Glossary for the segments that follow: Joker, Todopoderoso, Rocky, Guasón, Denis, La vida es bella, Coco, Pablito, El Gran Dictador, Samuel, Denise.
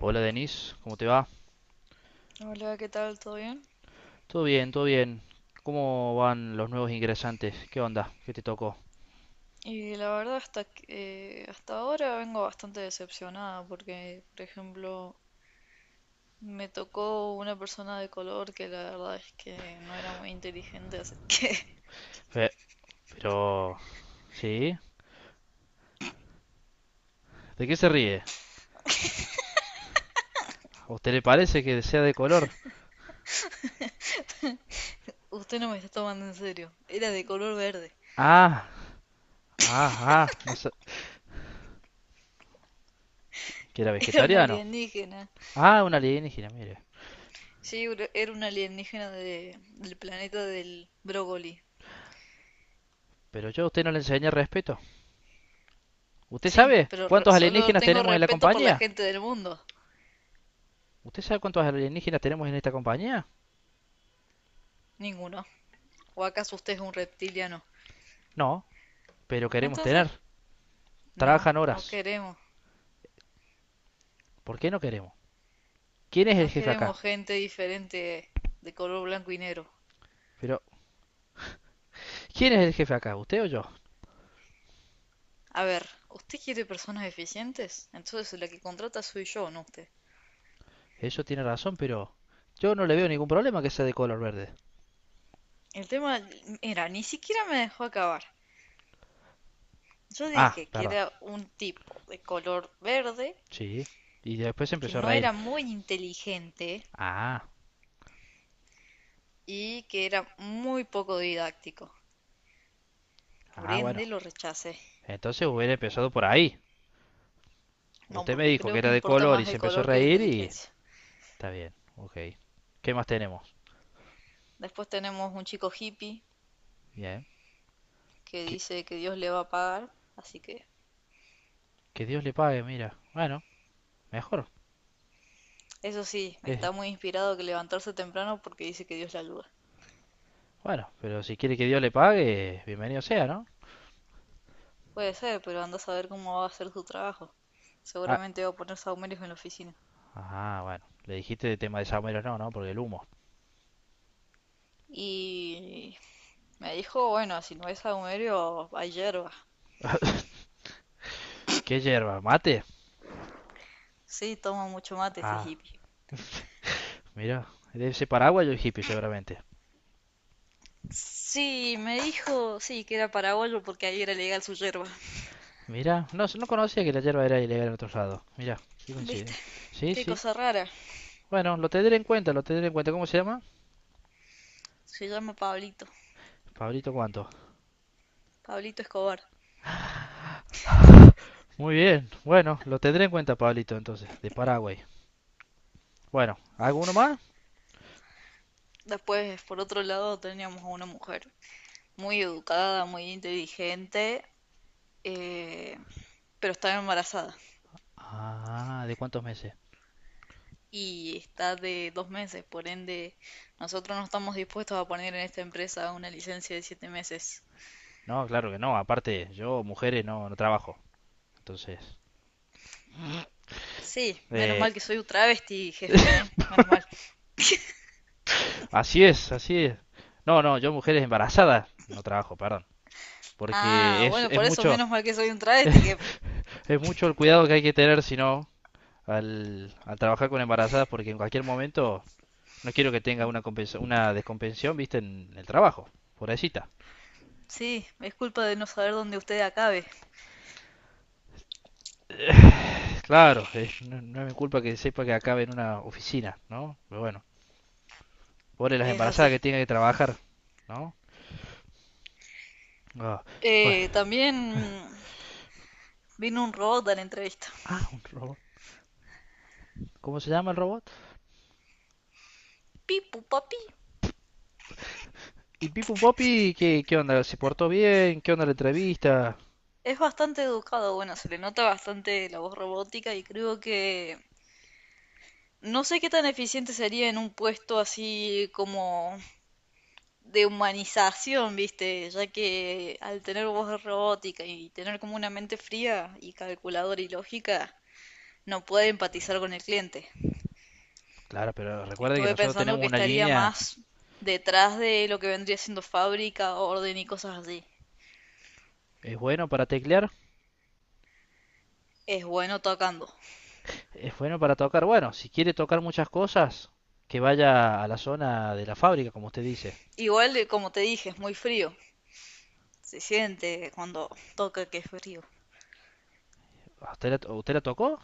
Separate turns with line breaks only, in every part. Hola, Denis, ¿cómo te va?
Hola, ¿qué tal? ¿Todo bien?
Todo bien, todo bien. ¿Cómo van los nuevos ingresantes? ¿Qué onda? ¿Qué te tocó?
Y la verdad hasta, hasta ahora vengo bastante decepcionada porque, por ejemplo, me tocó una persona de color que la verdad es que no era muy inteligente, así que
Fe- pero, ¿sí? ¿De qué se ríe? ¿A usted le parece que sea de color?
usted no me está tomando en serio. Era de color verde.
Ah, ah, ah, no sé, que era
Era un
vegetariano.
alienígena.
Ah, un alienígena, mire.
Sí, era un alienígena del planeta del brócoli.
Pero yo a usted no le enseñé respeto. ¿Usted
Sí,
sabe
pero
cuántos
solo
alienígenas
tengo
tenemos en la
respeto por la
compañía?
gente del mundo.
¿Usted sabe cuántos alienígenas tenemos en esta compañía?
Ninguno. ¿O acaso usted es un reptiliano?
No, pero queremos
Entonces,
tener.
no,
Trabajan
no
horas.
queremos.
¿Por qué no queremos? ¿Quién es el
No
jefe acá?
queremos gente diferente de color blanco y negro.
Pero ¿quién es el jefe acá? ¿Usted o yo?
A ver, ¿usted quiere personas eficientes? Entonces la que contrata soy yo, no usted.
Eso tiene razón, pero yo no le veo ningún problema que sea de color verde.
El tema, mira, ni siquiera me dejó acabar. Yo
Ah,
dije que
perdón.
era un tipo de color verde,
Sí. Y después
que
empezó a
no
reír.
era muy inteligente
Ah,
y que era muy poco didáctico. Por
ah,
ende,
bueno.
lo rechacé.
Entonces hubiera empezado por ahí.
No,
Usted me
porque
dijo que
creo que
era de
importa
color y
más el
se empezó a
color que la
reír y...
inteligencia.
Está bien, ok. ¿Qué más tenemos?
Después tenemos un chico hippie
Bien.
que
Que,
dice que Dios le va a pagar, así que
que Dios le pague, mira. Bueno, mejor.
eso sí,
Es-
está muy inspirado que levantarse temprano porque dice que Dios le ayuda.
Bueno, pero si quiere que Dios le pague, bienvenido sea, ¿no?
Puede ser, pero anda a saber cómo va a hacer su trabajo.
Ah,
Seguramente va a poner sahumerios en la oficina.
ah, bueno. Le dijiste de tema de Samuel, no, no, por el humo.
Y me dijo, bueno, si no es sahumerio, hay hierba.
¿Qué hierba? ¿Mate?
Sí, toma mucho mate ese
Ah,
hippie.
mira, debe ser paraguayo y hippie seguramente.
Sí, me dijo, sí, que era paraguayo porque ahí era legal su hierba.
Mira, no, no conocía que la hierba era ilegal en otros lados. Mira, qué
¿Viste?
coincidencia. Sí,
Qué
sí.
cosa rara.
Bueno, lo tendré en cuenta, lo tendré en cuenta. ¿Cómo se llama?
Se llama Pablito.
Pablito cuánto.
Pablito Escobar.
Muy bien, bueno, lo tendré en cuenta, Pablito, entonces, de Paraguay. Bueno, ¿hago uno más?
Después, por otro lado, teníamos a una mujer muy educada, muy inteligente, eh, pero estaba embarazada
Ah, ¿de cuántos meses?
y está de 2 meses, por ende nosotros no estamos dispuestos a poner en esta empresa una licencia de 7 meses.
No, claro que no, aparte, yo, mujeres, no, no trabajo. Entonces,
Sí, menos
eh,
mal que soy un travesti, jefe, ¿eh? Menos mal.
así es, así es. No, no, yo, mujeres embarazadas, no trabajo, perdón.
Ah,
Porque
bueno,
es
por eso
mucho.
menos mal que soy un travesti, jefe.
Es mucho el cuidado que hay que tener, si no, al trabajar con embarazadas, porque en cualquier momento no quiero que tenga una, una descompensación, viste, en el trabajo, pobrecita.
Sí, es culpa de no saber dónde usted acabe.
Claro, no, no es mi culpa que sepa que acabe en una oficina, ¿no? Pero bueno, pobre las
Es
embarazadas
así.
que tengan que trabajar, ¿no? Ah, bueno.
También vino un robot a la entrevista.
Ah, un robot. ¿Cómo se llama el robot?
Pipu, papi.
¿Y Pipu Popi qué, qué onda? ¿Se portó bien? ¿Qué onda la entrevista?
Es bastante educado, bueno, se le nota bastante la voz robótica y creo que no sé qué tan eficiente sería en un puesto así como de humanización, ¿viste? Ya que al tener voz robótica y tener como una mente fría y calculadora y lógica, no puede empatizar con el cliente.
Claro, pero recuerde que
Estuve
nosotros
pensando
tenemos
que
una
estaría
línea,
más detrás de lo que vendría siendo fábrica, orden y cosas así.
es bueno para teclear.
Es bueno tocando.
Es bueno para tocar. Bueno, si quiere tocar muchas cosas, que vaya a la zona de la fábrica, como usted dice.
Igual, como te dije, es muy frío. Se siente cuando toca que es frío.
¿A ¿usted la, usted la tocó?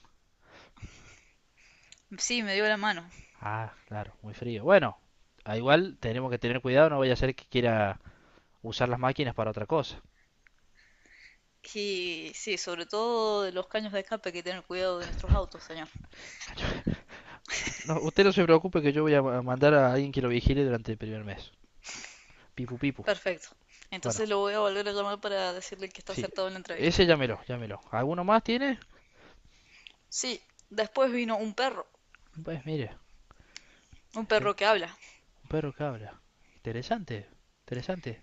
Sí, me dio la mano.
Ah, claro, muy frío. Bueno, a igual tenemos que tener cuidado, no vaya a ser que quiera usar las máquinas para otra cosa.
Y sí, sobre todo de los caños de escape, hay que tener cuidado de nuestros autos, señor.
No, usted no se preocupe que yo voy a mandar a alguien que lo vigile durante el primer mes. Pipu pipu.
Perfecto.
Bueno,
Entonces lo voy a volver a llamar para decirle que está
sí.
acertado en la entrevista.
Ese llámelo, llámelo. ¿Alguno más tiene?
Sí, después vino
Pues mire,
un
este,
perro que
un
habla.
perro que habla. Interesante, interesante.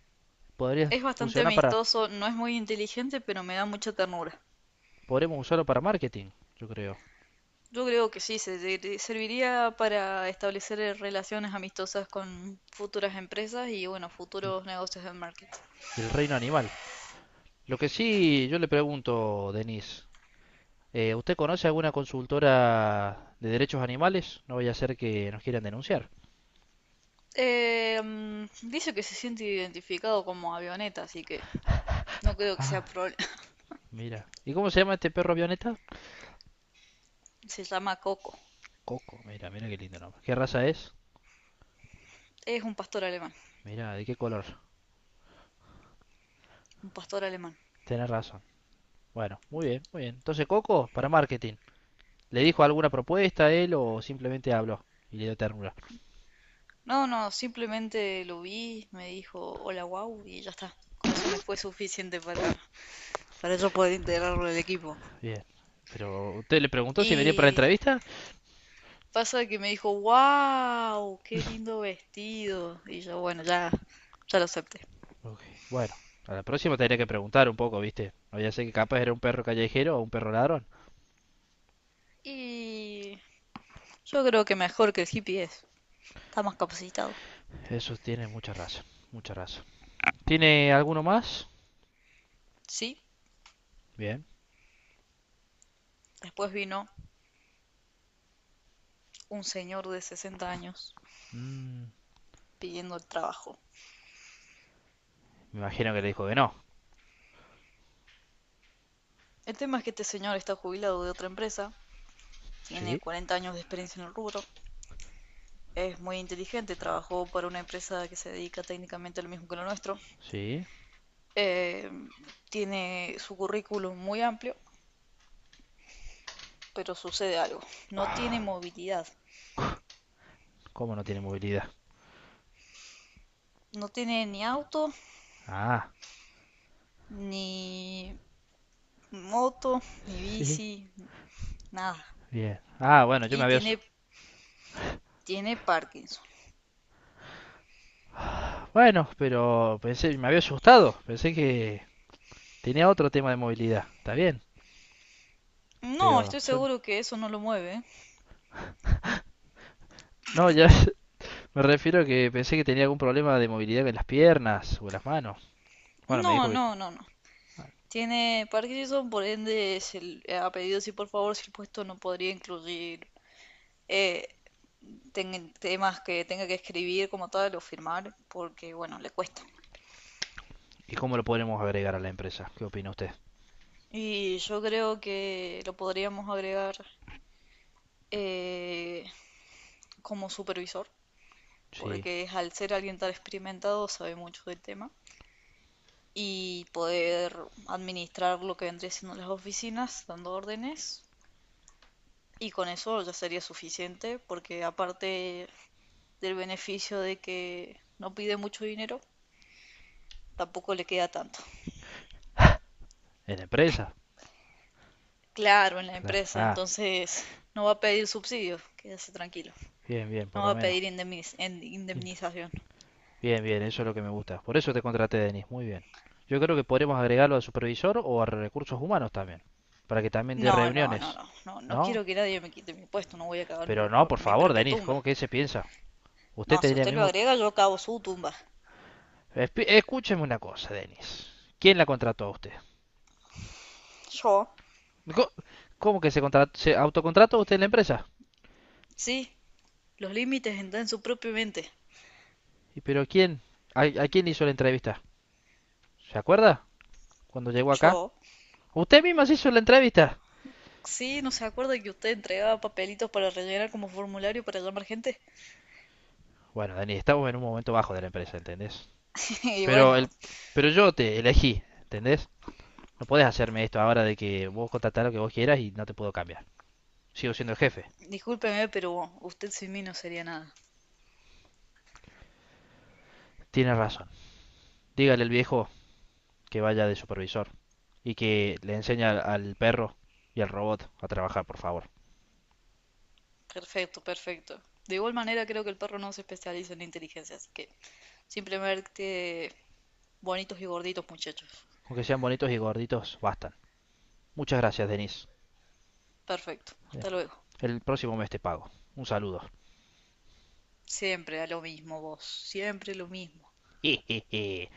Podría
Es bastante
funcionar para
amistoso, no es muy inteligente, pero me da mucha ternura.
podremos usarlo para marketing, yo creo.
Yo creo que sí, se serviría para establecer relaciones amistosas con futuras empresas y, bueno, futuros negocios de marketing.
Y el reino animal. Lo que sí, yo le pregunto, Denise, ¿usted conoce alguna consultora de derechos animales? No vaya a ser que nos quieran denunciar.
Dice que se siente identificado como avioneta, así que no creo que sea
Ah,
problema.
mira. ¿Y cómo se llama este perro avioneta?
Se llama Coco.
Coco, mira, mira qué lindo nombre. ¿Qué raza es?
Es un pastor alemán.
Mira, ¿de qué color?
Un pastor alemán.
Tenés razón. Bueno, muy bien, muy bien. Entonces, Coco, para marketing. ¿Le dijo alguna propuesta a él o simplemente habló y le dio ternura?
No, no, simplemente lo vi, me dijo hola wow y ya está. Con eso me fue suficiente para yo poder integrarlo al equipo.
Bien. Pero, ¿usted le preguntó si venía para la
Y
entrevista?
pasa que me dijo wow, qué lindo vestido. Y yo, bueno, ya, ya lo acepté.
Ok, bueno, a la próxima tendría que preguntar un poco, ¿viste? No, ya sé que capaz era un perro callejero o un perro ladrón.
Y yo creo que mejor que el hippie es. Está más capacitado.
Eso tiene mucha razón, mucha razón. ¿Tiene alguno más?
Sí.
Bien.
Después vino un señor de 60 años
Mm,
pidiendo el trabajo.
me imagino que le dijo que no.
El tema es que este señor está jubilado de otra empresa, tiene
Sí,
40 años de experiencia en el rubro, es muy inteligente, trabajó para una empresa que se dedica técnicamente a lo mismo que lo nuestro,
sí.
eh, tiene su currículum muy amplio, pero sucede algo, no tiene movilidad,
¿Cómo no tiene movilidad?
no tiene ni auto,
Ah,
ni moto, ni
sí.
bici, nada,
Bien. Ah, bueno, yo me
y
había...
tiene, tiene Parkinson.
Bueno, pero pensé, me había asustado. Pensé que tenía otro tema de movilidad. Está bien,
No,
pero
estoy
son...
seguro que eso no lo mueve, ¿eh?
No, ya me refiero a que pensé que tenía algún problema de movilidad en las piernas o en las manos. Bueno, me
No,
dijo que
no, no, no. Tiene Parkinson, por ende, ha pedido si por favor si el puesto no podría incluir eh, temas que tenga que escribir como tal o firmar, porque bueno, le cuesta.
¿y cómo lo podremos agregar a la empresa? ¿Qué opina usted?
Y yo creo que lo podríamos agregar eh, como supervisor,
Sí,
porque al ser alguien tan experimentado sabe mucho del tema y poder administrar lo que vendría siendo las oficinas, dando órdenes. Y con eso ya sería suficiente, porque aparte del beneficio de que no pide mucho dinero, tampoco le queda tanto.
en la empresa.
Claro, en la
Claro.
empresa,
Ah,
entonces no va a pedir subsidios, quédese tranquilo.
bien, bien, por
No va
lo
a
menos.
pedir indemnización.
Bien, bien, eso es lo que me gusta. Por eso te contraté, Denis. Muy bien. Yo creo que podremos agregarlo al supervisor o a recursos humanos también. Para que también dé
No, no, no,
reuniones.
no, no, no
¿No?
quiero que nadie me quite mi puesto, no voy a cavar
Pero no, por
mi
favor,
propia
Denis.
tumba.
¿Cómo que se piensa? Usted
No, si
tendría
usted lo
mismo...
agrega, yo cavo su tumba.
Escúcheme una cosa, Denis. ¿Quién la contrató a usted?
Yo.
¿Cómo que se autocontrató usted en la empresa?
Sí, los límites están en su propia mente.
¿Y pero quién? A quién hizo la entrevista? ¿Se acuerda? Cuando llegó acá.
Yo.
Usted mismo se hizo la entrevista.
Sí, ¿no se acuerda que usted entregaba papelitos para rellenar como formulario para llamar gente?
Bueno, Dani, estamos en un momento bajo de la empresa, ¿entendés?
Y
Pero
bueno,
el, pero yo te elegí, ¿entendés? No podés hacerme esto ahora de que vos contratás lo que vos quieras y no te puedo cambiar. Sigo siendo el jefe.
discúlpeme, pero usted sin mí no sería nada.
Tienes razón. Dígale al viejo que vaya de supervisor y que le enseñe al perro y al robot a trabajar, por favor.
Perfecto, perfecto. De igual manera, creo que el perro no se especializa en inteligencia, así que simplemente bonitos y gorditos, muchachos.
Con que sean bonitos y gorditos, bastan. Muchas gracias, Denis.
Perfecto. Hasta luego.
El próximo mes te pago. Un saludo.
Siempre a lo mismo vos. Siempre lo mismo.